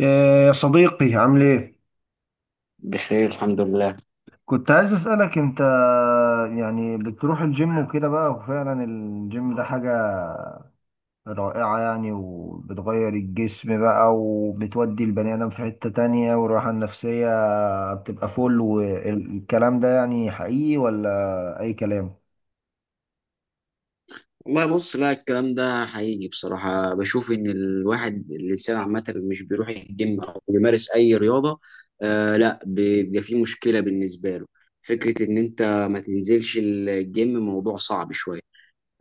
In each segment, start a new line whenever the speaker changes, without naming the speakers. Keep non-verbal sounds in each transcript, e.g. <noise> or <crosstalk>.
إيه يا صديقي، عامل ايه؟
بخير الحمد لله.
كنت عايز اسألك انت، يعني بتروح الجيم وكده بقى، وفعلا الجيم ده حاجة رائعة يعني، وبتغير الجسم بقى وبتودي البني آدم في حتة تانية، والراحة النفسية بتبقى فل، والكلام ده يعني حقيقي ولا أي كلام؟
والله بص، لا الكلام ده حقيقي بصراحة. بشوف إن الواحد الإنسان عامة مش بيروح الجيم أو بيمارس أي رياضة، آه لا بيبقى فيه مشكلة بالنسبة له. فكرة إن أنت ما تنزلش الجيم موضوع صعب شوية.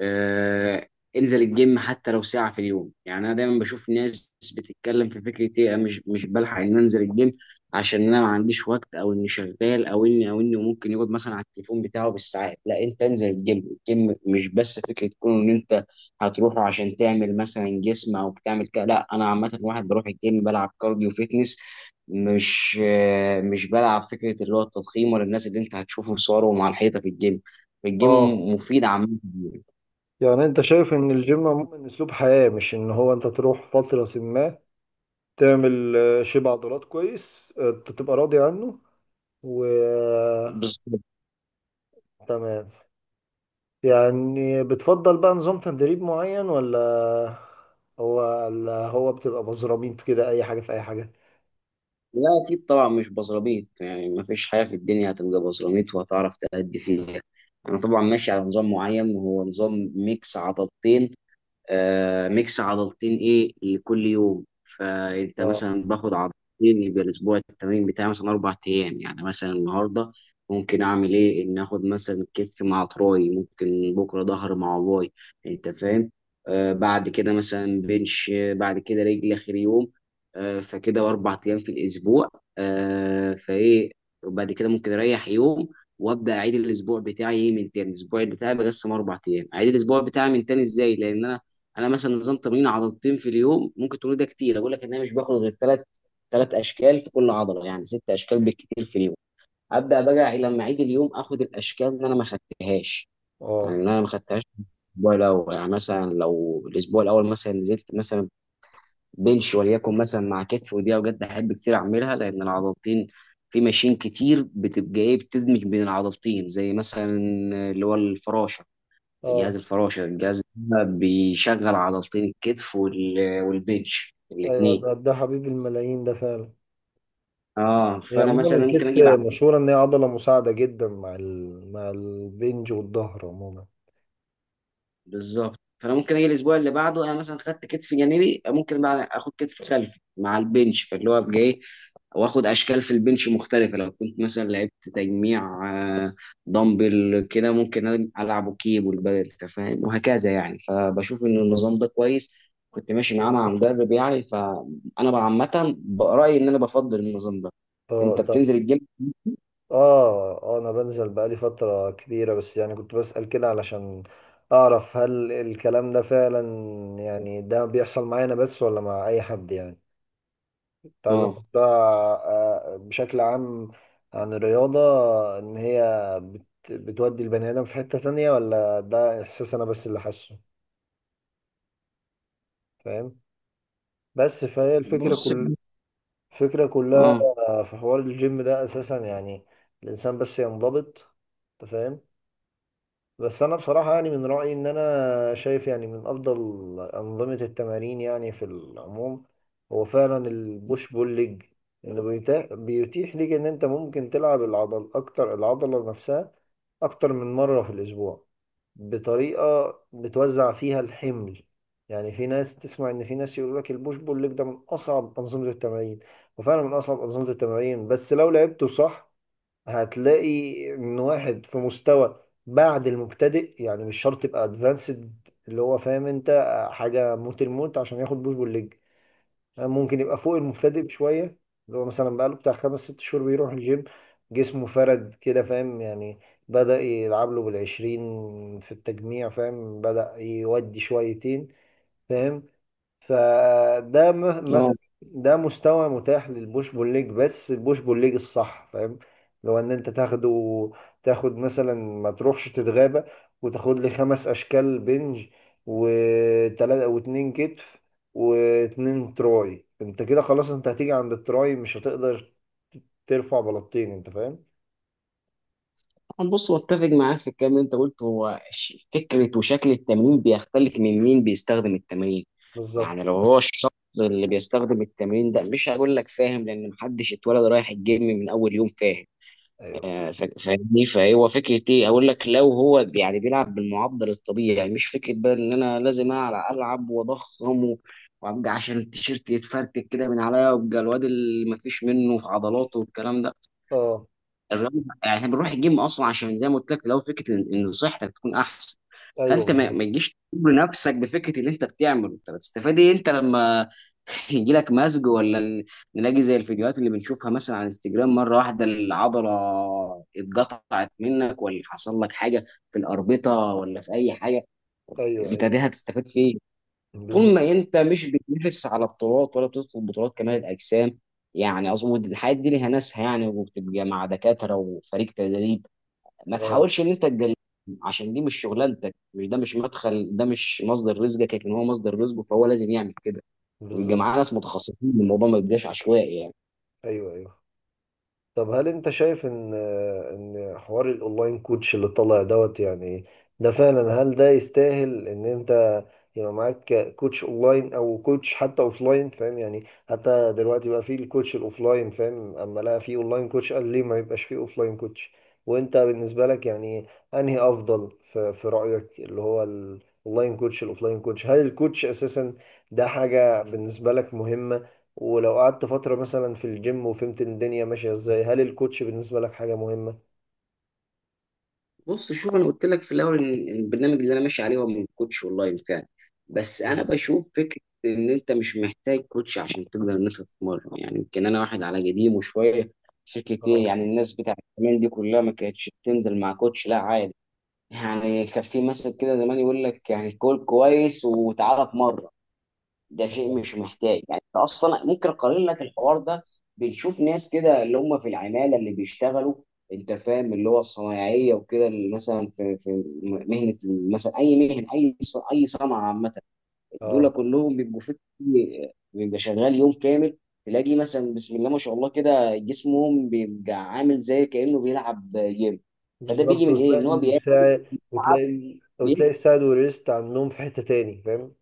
آه، انزل الجيم حتى لو ساعة في اليوم. يعني انا دايما بشوف ناس بتتكلم في فكرة ايه، أنا مش بلحق ان انزل الجيم عشان انا ما عنديش وقت، او اني شغال، او اني ممكن يقعد مثلا على التليفون بتاعه بالساعات. لا انت انزل الجيم. الجيم مش بس فكرة تكون ان انت هتروحه عشان تعمل مثلا جسم او بتعمل كده. لا انا عامة واحد بروح الجيم بلعب كارديو فيتنس، مش بلعب فكرة اللي هو التضخيم ولا الناس اللي انت هتشوفه صورهم على الحيطة في الجيم. الجيم
اه،
مفيد عامة.
يعني انت شايف ان الجيم عموما اسلوب حياة، مش ان هو انت تروح فترة ما تعمل شيب عضلات كويس، تبقى راضي عنه.
بالظبط.
تمام. يعني بتفضل بقى نظام تدريب معين، هو ولا هو بتبقى مزرمين كده اي حاجه في اي حاجه؟
لا اكيد طبعا مش بصراميط. يعني ما فيش حاجه في الدنيا هتبقى بصراميط وهتعرف تأدي فيها. انا طبعا ماشي على نظام معين، وهو نظام ميكس عضلتين. ميكس عضلتين ايه لكل يوم. فانت
اه.
مثلا باخد عضلتين، يبقى الاسبوع التمرين بتاعي مثلا اربع ايام. يعني مثلا النهارده ممكن اعمل ايه، ان اخد مثلا كتف مع تراي، ممكن بكره ظهر مع باي، انت فاهم. بعد كده مثلا بنش، بعد كده رجل اخر يوم. فكده اربع ايام في الاسبوع. آه فايه وبعد كده ممكن اريح يوم، وابدا اعيد الاسبوع بتاعي من تاني. الاسبوع بتاعي بقسم اربع ايام، اعيد الاسبوع بتاعي من تاني ازاي؟ لان انا مثلا نظام تمرين عضلتين في اليوم، ممكن تقول ده كتير، اقول لك ان انا مش باخد غير ثلاث اشكال في كل عضله، يعني ست اشكال بالكتير في اليوم. ابدا بقى لما اعيد اليوم اخد الاشكال اللي انا ما خدتهاش، يعني
اه.
اللي انا ما خدتهاش الاسبوع الاول. يعني مثلا لو الاسبوع الاول مثلا نزلت مثلا بنش وليكن مثلا مع كتف، ودي اوجات بحب كتير اعملها لان العضلتين في ماشين كتير بتبقى ايه، بتدمج بين العضلتين، زي مثلا اللي هو الفراشه.
اه
جهاز الفراشة الجهاز ده بيشغل عضلتين الكتف والبنش
ايوه،
الاتنين.
ده حبيب الملايين ده فعلا.
اه
هي
فانا
عموما
مثلا ممكن
الكتف
اجي بعد.
مشهوره ان هي عضله مساعده جدا مع مع البنج والظهر عموما.
بالظبط. فانا ممكن اجي الاسبوع اللي بعده، انا مثلا خدت كتف جانبي ممكن بقى اخد كتف خلفي مع البنش فاللي هو ابقى ايه، واخد اشكال في البنش مختلفه. لو كنت مثلا لعبت تجميع آه، دمبل كده، ممكن العبه كيب والبدل، انت فاهم، وهكذا. يعني فبشوف ان النظام ده كويس، كنت ماشي معاه مع مدرب. يعني فانا بقى عامه برايي ان انا بفضل النظام ده. انت
اه طب.
بتنزل الجيم؟
اه اه، انا بنزل بقالي فتره كبيره، بس يعني كنت بسأل كده علشان اعرف هل الكلام ده فعلا يعني ده بيحصل معايا انا بس ولا مع اي حد يعني. كنت عايز أقول
اه
ده بشكل عام عن الرياضة، إن هي بتودي البني آدم في حتة تانية، ولا ده إحساس أنا بس اللي حاسه، فاهم؟ بس فهي الفكرة
بص
كل الفكرة كلها
اه
في حوار الجيم ده أساسا، يعني الإنسان بس ينضبط، أنت فاهم. بس انا بصراحه يعني من رايي ان انا شايف يعني من افضل انظمه التمارين يعني في العموم هو فعلا البوش بول ليج، اللي بيتيح ليك ان انت ممكن تلعب العضل اكتر، العضله نفسها اكتر من مره في الاسبوع، بطريقه بتوزع فيها الحمل. يعني في ناس تسمع ان في ناس يقول لك البوش بول ليج ده من اصعب انظمه التمارين، وفعلا من اصعب انظمه التمارين، بس لو لعبته صح هتلاقي ان واحد في مستوى بعد المبتدئ يعني، مش شرط يبقى ادفانسد، اللي هو فاهم انت حاجه موت الموت عشان ياخد بوش بول ليج. ممكن يبقى فوق المبتدئ بشويه، اللي هو مثلا بقاله بتاع خمس ست شهور بيروح الجيم، جسمه فرد كده، فاهم يعني؟ بدأ يلعب له بالعشرين في التجميع، فاهم، بدأ يودي شويتين، فاهم؟ فده
اه
مثلا ده مستوى متاح للبوش بول ليج، بس البوش بول ليج الصح، فاهم؟ لو ان انت تاخده، تاخد مثلا ما تروحش تتغابى وتاخد لي خمس اشكال بنج وتلاتة واتنين كتف واتنين تراي، انت كده خلاص، انت هتيجي عند التراي مش هتقدر ترفع بلاطين، انت فاهم.
بص واتفق معاك في الكلام اللي انت قلته. هو فكره وشكل التمرين بيختلف من مين بيستخدم التمرين.
بالظبط.
يعني لو هو الشخص اللي بيستخدم التمرين ده، مش هقول لك فاهم، لان محدش اتولد رايح الجيم من اول يوم، فاهم.
ايوه.
فاهمني. فهو فكره ايه، اقول لك لو هو يعني بيلعب بالمعدل الطبيعي، يعني مش فكره بقى ان انا لازم العب واضخم وابقى عشان التيشيرت يتفرتك كده من عليا، وابقى الواد اللي مفيش منه في عضلاته والكلام ده.
اه
الرياضه يعني احنا بنروح الجيم اصلا عشان زي ما قلت لك، لو فكره ان إن صحتك تكون احسن.
ايوه،
فانت ما
بالظبط.
ما تجيش تجبر نفسك بفكره اللي انت بتعمله، انت بتستفاد ايه؟ انت لما <laughs> يجي لك مزج نلاقي زي الفيديوهات اللي بنشوفها مثلا على انستجرام، مره واحده العضله اتقطعت منك، ولا حصل لك حاجه في الاربطه، ولا في اي حاجه،
ايوه
انت
ايوه.
دي هتستفاد فين؟ طول
بالظبط.
ما انت مش بتنافس على بطولات ولا بتدخل بطولات كمال الاجسام، يعني اظن الحاجات دي ليها ناسها يعني، وبتبقى مع دكاتره وفريق تدريب. ما
اه،
تحاولش ان انت تقلل عشان دي مش شغلانتك، مش ده مش مدخل، ده مش مصدر رزقك، لكن هو مصدر رزقه فهو لازم يعمل كده، ويبقى
بالظبط.
معاه ناس متخصصين، الموضوع ما يبقاش عشوائي يعني.
ايوه ايوه. طب هل انت شايف ان ان حوار الاونلاين كوتش اللي طالع دوت يعني ده فعلا، هل ده يستاهل ان انت يبقى معاك كوتش اونلاين او كوتش حتى اوفلاين، فاهم يعني؟ حتى دلوقتي بقى في الكوتش الاوفلاين، فاهم، اما لقى في اونلاين كوتش قال ليه ما يبقاش في اوفلاين كوتش. وانت بالنسبة لك يعني انهي افضل في، في رأيك، اللي هو الاونلاين كوتش الاوفلاين كوتش؟ هل الكوتش اساسا ده حاجة بالنسبة لك مهمة؟ ولو قعدت فترة مثلا في الجيم وفهمت إن الدنيا ماشية ازاي، هل الكوتش بالنسبة لك حاجة مهمة؟
بص شوف، انا قلت لك في الاول ان إن البرنامج اللي انا ماشي عليه هو من كوتش اونلاين فعلا. بس انا
مم.
بشوف فكره ان انت مش محتاج كوتش عشان تقدر ان انت تتمرن. يعني يمكن انا واحد على قديمه شويه، فكره ايه،
اه.
يعني الناس بتاعت زمان دي كلها ما كانتش بتنزل مع كوتش، لا عادي. يعني كان في مثل كده زمان يقول لك يعني كول كويس وتعالى اتمرن. ده شيء
اه.
مش محتاج. يعني انت اصلا ممكن اقارن لك الحوار ده، بنشوف ناس كده اللي هم في العماله اللي بيشتغلوا، انت فاهم، اللي هو الصنايعيه وكده، اللي مثلا في مهنه، مثلا اي مهنه، اي صنعه عامه، دول
اه
كلهم بيبقوا في بيبقى شغال يوم كامل، تلاقي مثلا بسم الله ما شاء الله كده جسمهم بيبقى عامل زي كانه بيلعب جيم. فده بيجي
بالظبط،
من ايه، ان
وتلاقي
هو بياكل.
الساعد، وتلاقي وتلاقي الساعد والريست على النوم في حتة تاني، فاهم؟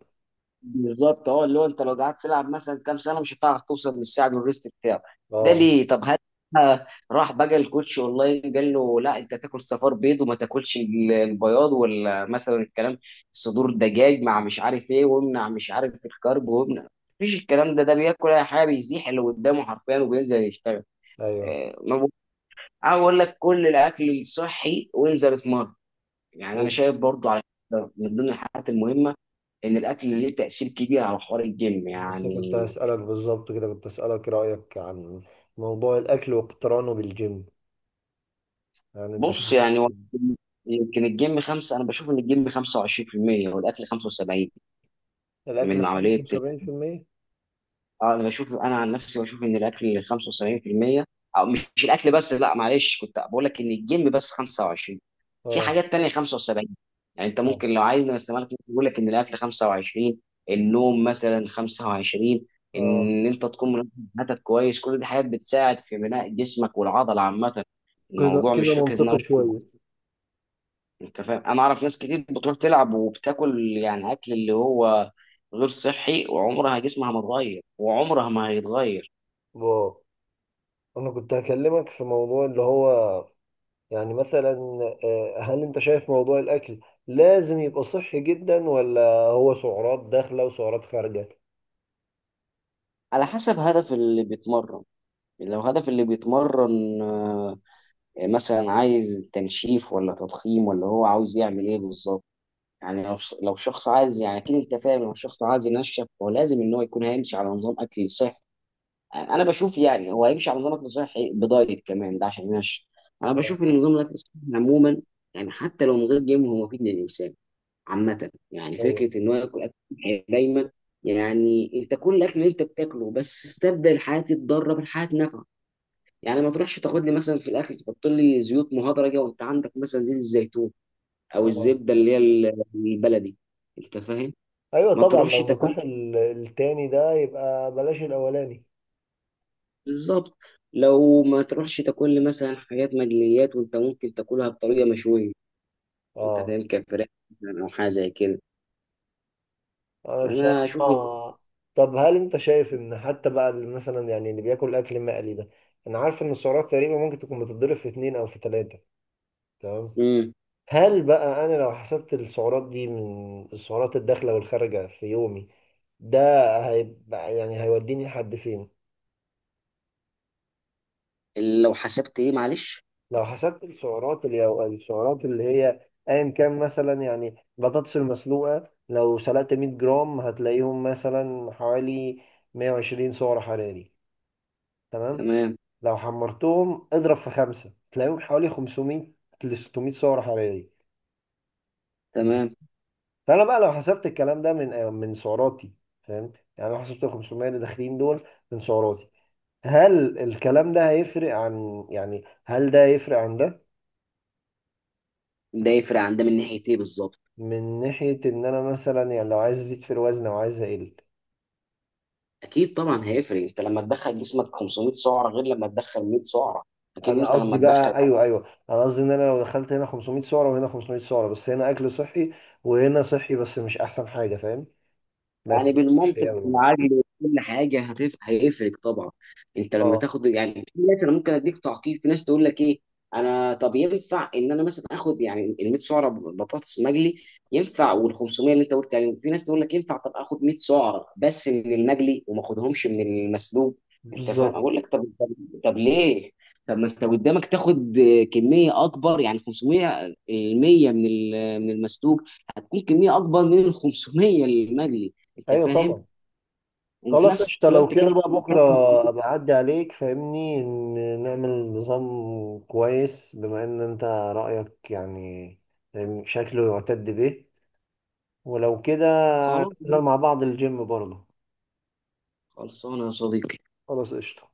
بالظبط. اه اللي هو انت لو قعدت تلعب مثلا كام سنه مش هتعرف توصل للساعه الريست بتاعه، ده
اه.
ليه؟ طب هل راح بقى الكوتش اونلاين قال له لا انت تاكل صفار بيض وما تاكلش البياض، ولا مثلا الكلام صدور دجاج مع مش عارف ايه، وامنع مش عارف الكرب، وامنع؟ مفيش الكلام ده، ده بياكل اي حاجه، بيزيح اللي قدامه حرفيا وبينزل يشتغل.
ايوه.
آه، ما بقول- أنا بقول لك كل الاكل الصحي وانزل اتمرن. يعني انا شايف برضو على من ضمن الحاجات المهمه ان الاكل ليه تاثير كبير على حوار الجيم
بس كنت
يعني.
هسألك بالظبط كده، كنت هسألك رأيك عن موضوع الأكل واقترانه بالجيم، يعني أنت شايف؟
بص يعني هو يمكن الجيم خمسة، انا بشوف ان الجيم 25% والاكل 75
الأكل
من عمليه.
75%؟
اه انا عن نفسي بشوف ان الاكل 75%، او مش الاكل بس. لا معلش، كنت بقول لك ان الجيم بس 25، في
اه.
حاجات تانية 75. يعني انت
اه.
ممكن لو عايز نقسمها لك، ممكن يقول لك ان الاكل 25، النوم مثلا 25،
اه.
ان انت تكون منظم حياتك كويس، كل دي حاجات بتساعد في بناء جسمك والعضله عامه.
كده
الموضوع مش
كده
فكره ان
منطقي شوية.
انت فاهم، انا اعرف ناس كتير بتروح تلعب وبتاكل يعني اكل اللي هو غير صحي، وعمرها جسمها ما اتغير وعمرها ما هيتغير.
واو. انا كنت هكلمك في موضوع اللي هو يعني مثلا هل انت شايف موضوع الاكل لازم يبقى صحي جدا، ولا هو سعرات داخله وسعرات خارجه؟
على حسب هدف اللي بيتمرن، لو هدف اللي بيتمرن مثلا عايز تنشيف ولا تضخيم، ولا هو عاوز يعمل ايه بالظبط. يعني لو شخص عايز، يعني اكيد انت فاهم، لو شخص عايز ينشف هو لازم ان هو يكون هيمشي على نظام اكل صحي. انا بشوف يعني هو هيمشي على نظام اكل صحي بدايت كمان ده عشان ينشف. انا
آه،
بشوف ان نظام الاكل الصحي عموما، يعني حتى لو من غير جيم هو مفيد للانسان عامة، يعني
ايوه.
فكرة إن هو ياكل أكل صحي دايما. يعني أنت كل الأكل اللي أنت بتاكله، بس استبدل حياة الضارة بحياة نافعة. يعني ما تروحش تاخد لي مثلا في الأكل تحط لي زيوت مهدرجة، وأنت عندك مثلا زيت الزيتون أو
اه
الزبدة اللي هي البلدي، أنت فاهم.
ايوه
ما
طبعا،
تروحش
لو متاح
تاكل،
التاني ده يبقى بلاش الاولاني.
بالظبط، لو ما تروحش تاكل لي مثلا حاجات مقليات، وأنت ممكن تاكلها بطريقة مشوية، أنت
اه
فاهم، كفراخ مثلا أو حاجة زي كده.
انا
فأنا
بصراحه. طب هل انت شايف ان حتى بقى اللي مثلا يعني اللي بياكل اكل مقلي ده، انا عارف ان السعرات تقريبا ممكن تكون بتتضرب في اتنين او في تلاته، تمام؟
مم.
هل بقى انا لو حسبت السعرات دي من السعرات الداخله والخارجه في يومي ده، هيبقى يعني هيوديني لحد فين؟
لو حسبت إيه معلش.
لو حسبت السعرات اللي أو السعرات اللي هي ايا كان مثلا، يعني بطاطس المسلوقه لو سلقت 100 جرام هتلاقيهم مثلا حوالي 120 سعر حراري، تمام؟
تمام.
لو حمرتهم اضرب في خمسة تلاقيهم حوالي 500 ل 600 سعر حراري.
تمام.
فانا بقى لو حسبت الكلام ده من من سعراتي، فاهم؟ يعني لو حسبت ال 500 اللي داخلين دول من سعراتي، هل الكلام ده هيفرق عن، يعني هل ده هيفرق عن ده،
ده يفرق عن ده من ناحيه ايه بالظبط؟
من ناحية ان انا مثلا يعني لو عايز ازيد في الوزن او عايز اقل؟
اكيد طبعا هيفرق، انت لما تدخل جسمك 500 سعره غير لما تدخل 100 سعره. اكيد
انا
انت
قصدي
لما تدخل،
بقى، ايوه ايوه، انا قصدي ان انا لو دخلت هنا 500 سعرة وهنا 500 سعرة، بس هنا اكل صحي وهنا صحي بس مش احسن حاجة، فاهم؟ بس
يعني
صحي
بالمنطق
قوي يعني.
بالعقل وكل حاجه هيفرق طبعا. انت لما
اه.
تاخد يعني، في ناس انا ممكن اديك تعقيب، في ناس تقول لك ايه، انا طب ينفع ان انا مثلا اخد يعني ال 100 سعره بطاطس مقلي، ينفع، وال 500 اللي انت قلت عليهم، في ناس تقول لك ينفع، طب اخد 100 سعره بس من المقلي وما اخدهمش من المسلوق. انت فاهم،
بالظبط.
اقول لك طب، طب، طب ليه؟ طب ما انت قدامك تاخد كميه اكبر، يعني 500 ال 100 من من المسلوق هتكون كميه اكبر من ال 500 المقلي، انت
ايوه
فاهم،
طبعا.
وفي
خلاص
نفس
قشطة، لو
الوقت
كده
كلت
بقى بكرة
كلت.
أبقى أعدي عليك، فاهمني؟ إن نعمل نظام كويس، بما إن أنت رأيك يعني فاهمني، شكله يعتد به. ولو كده
خلاص
ننزل مع بعض الجيم برضه.
خلصانه يا صديقي.
خلاص قشطة.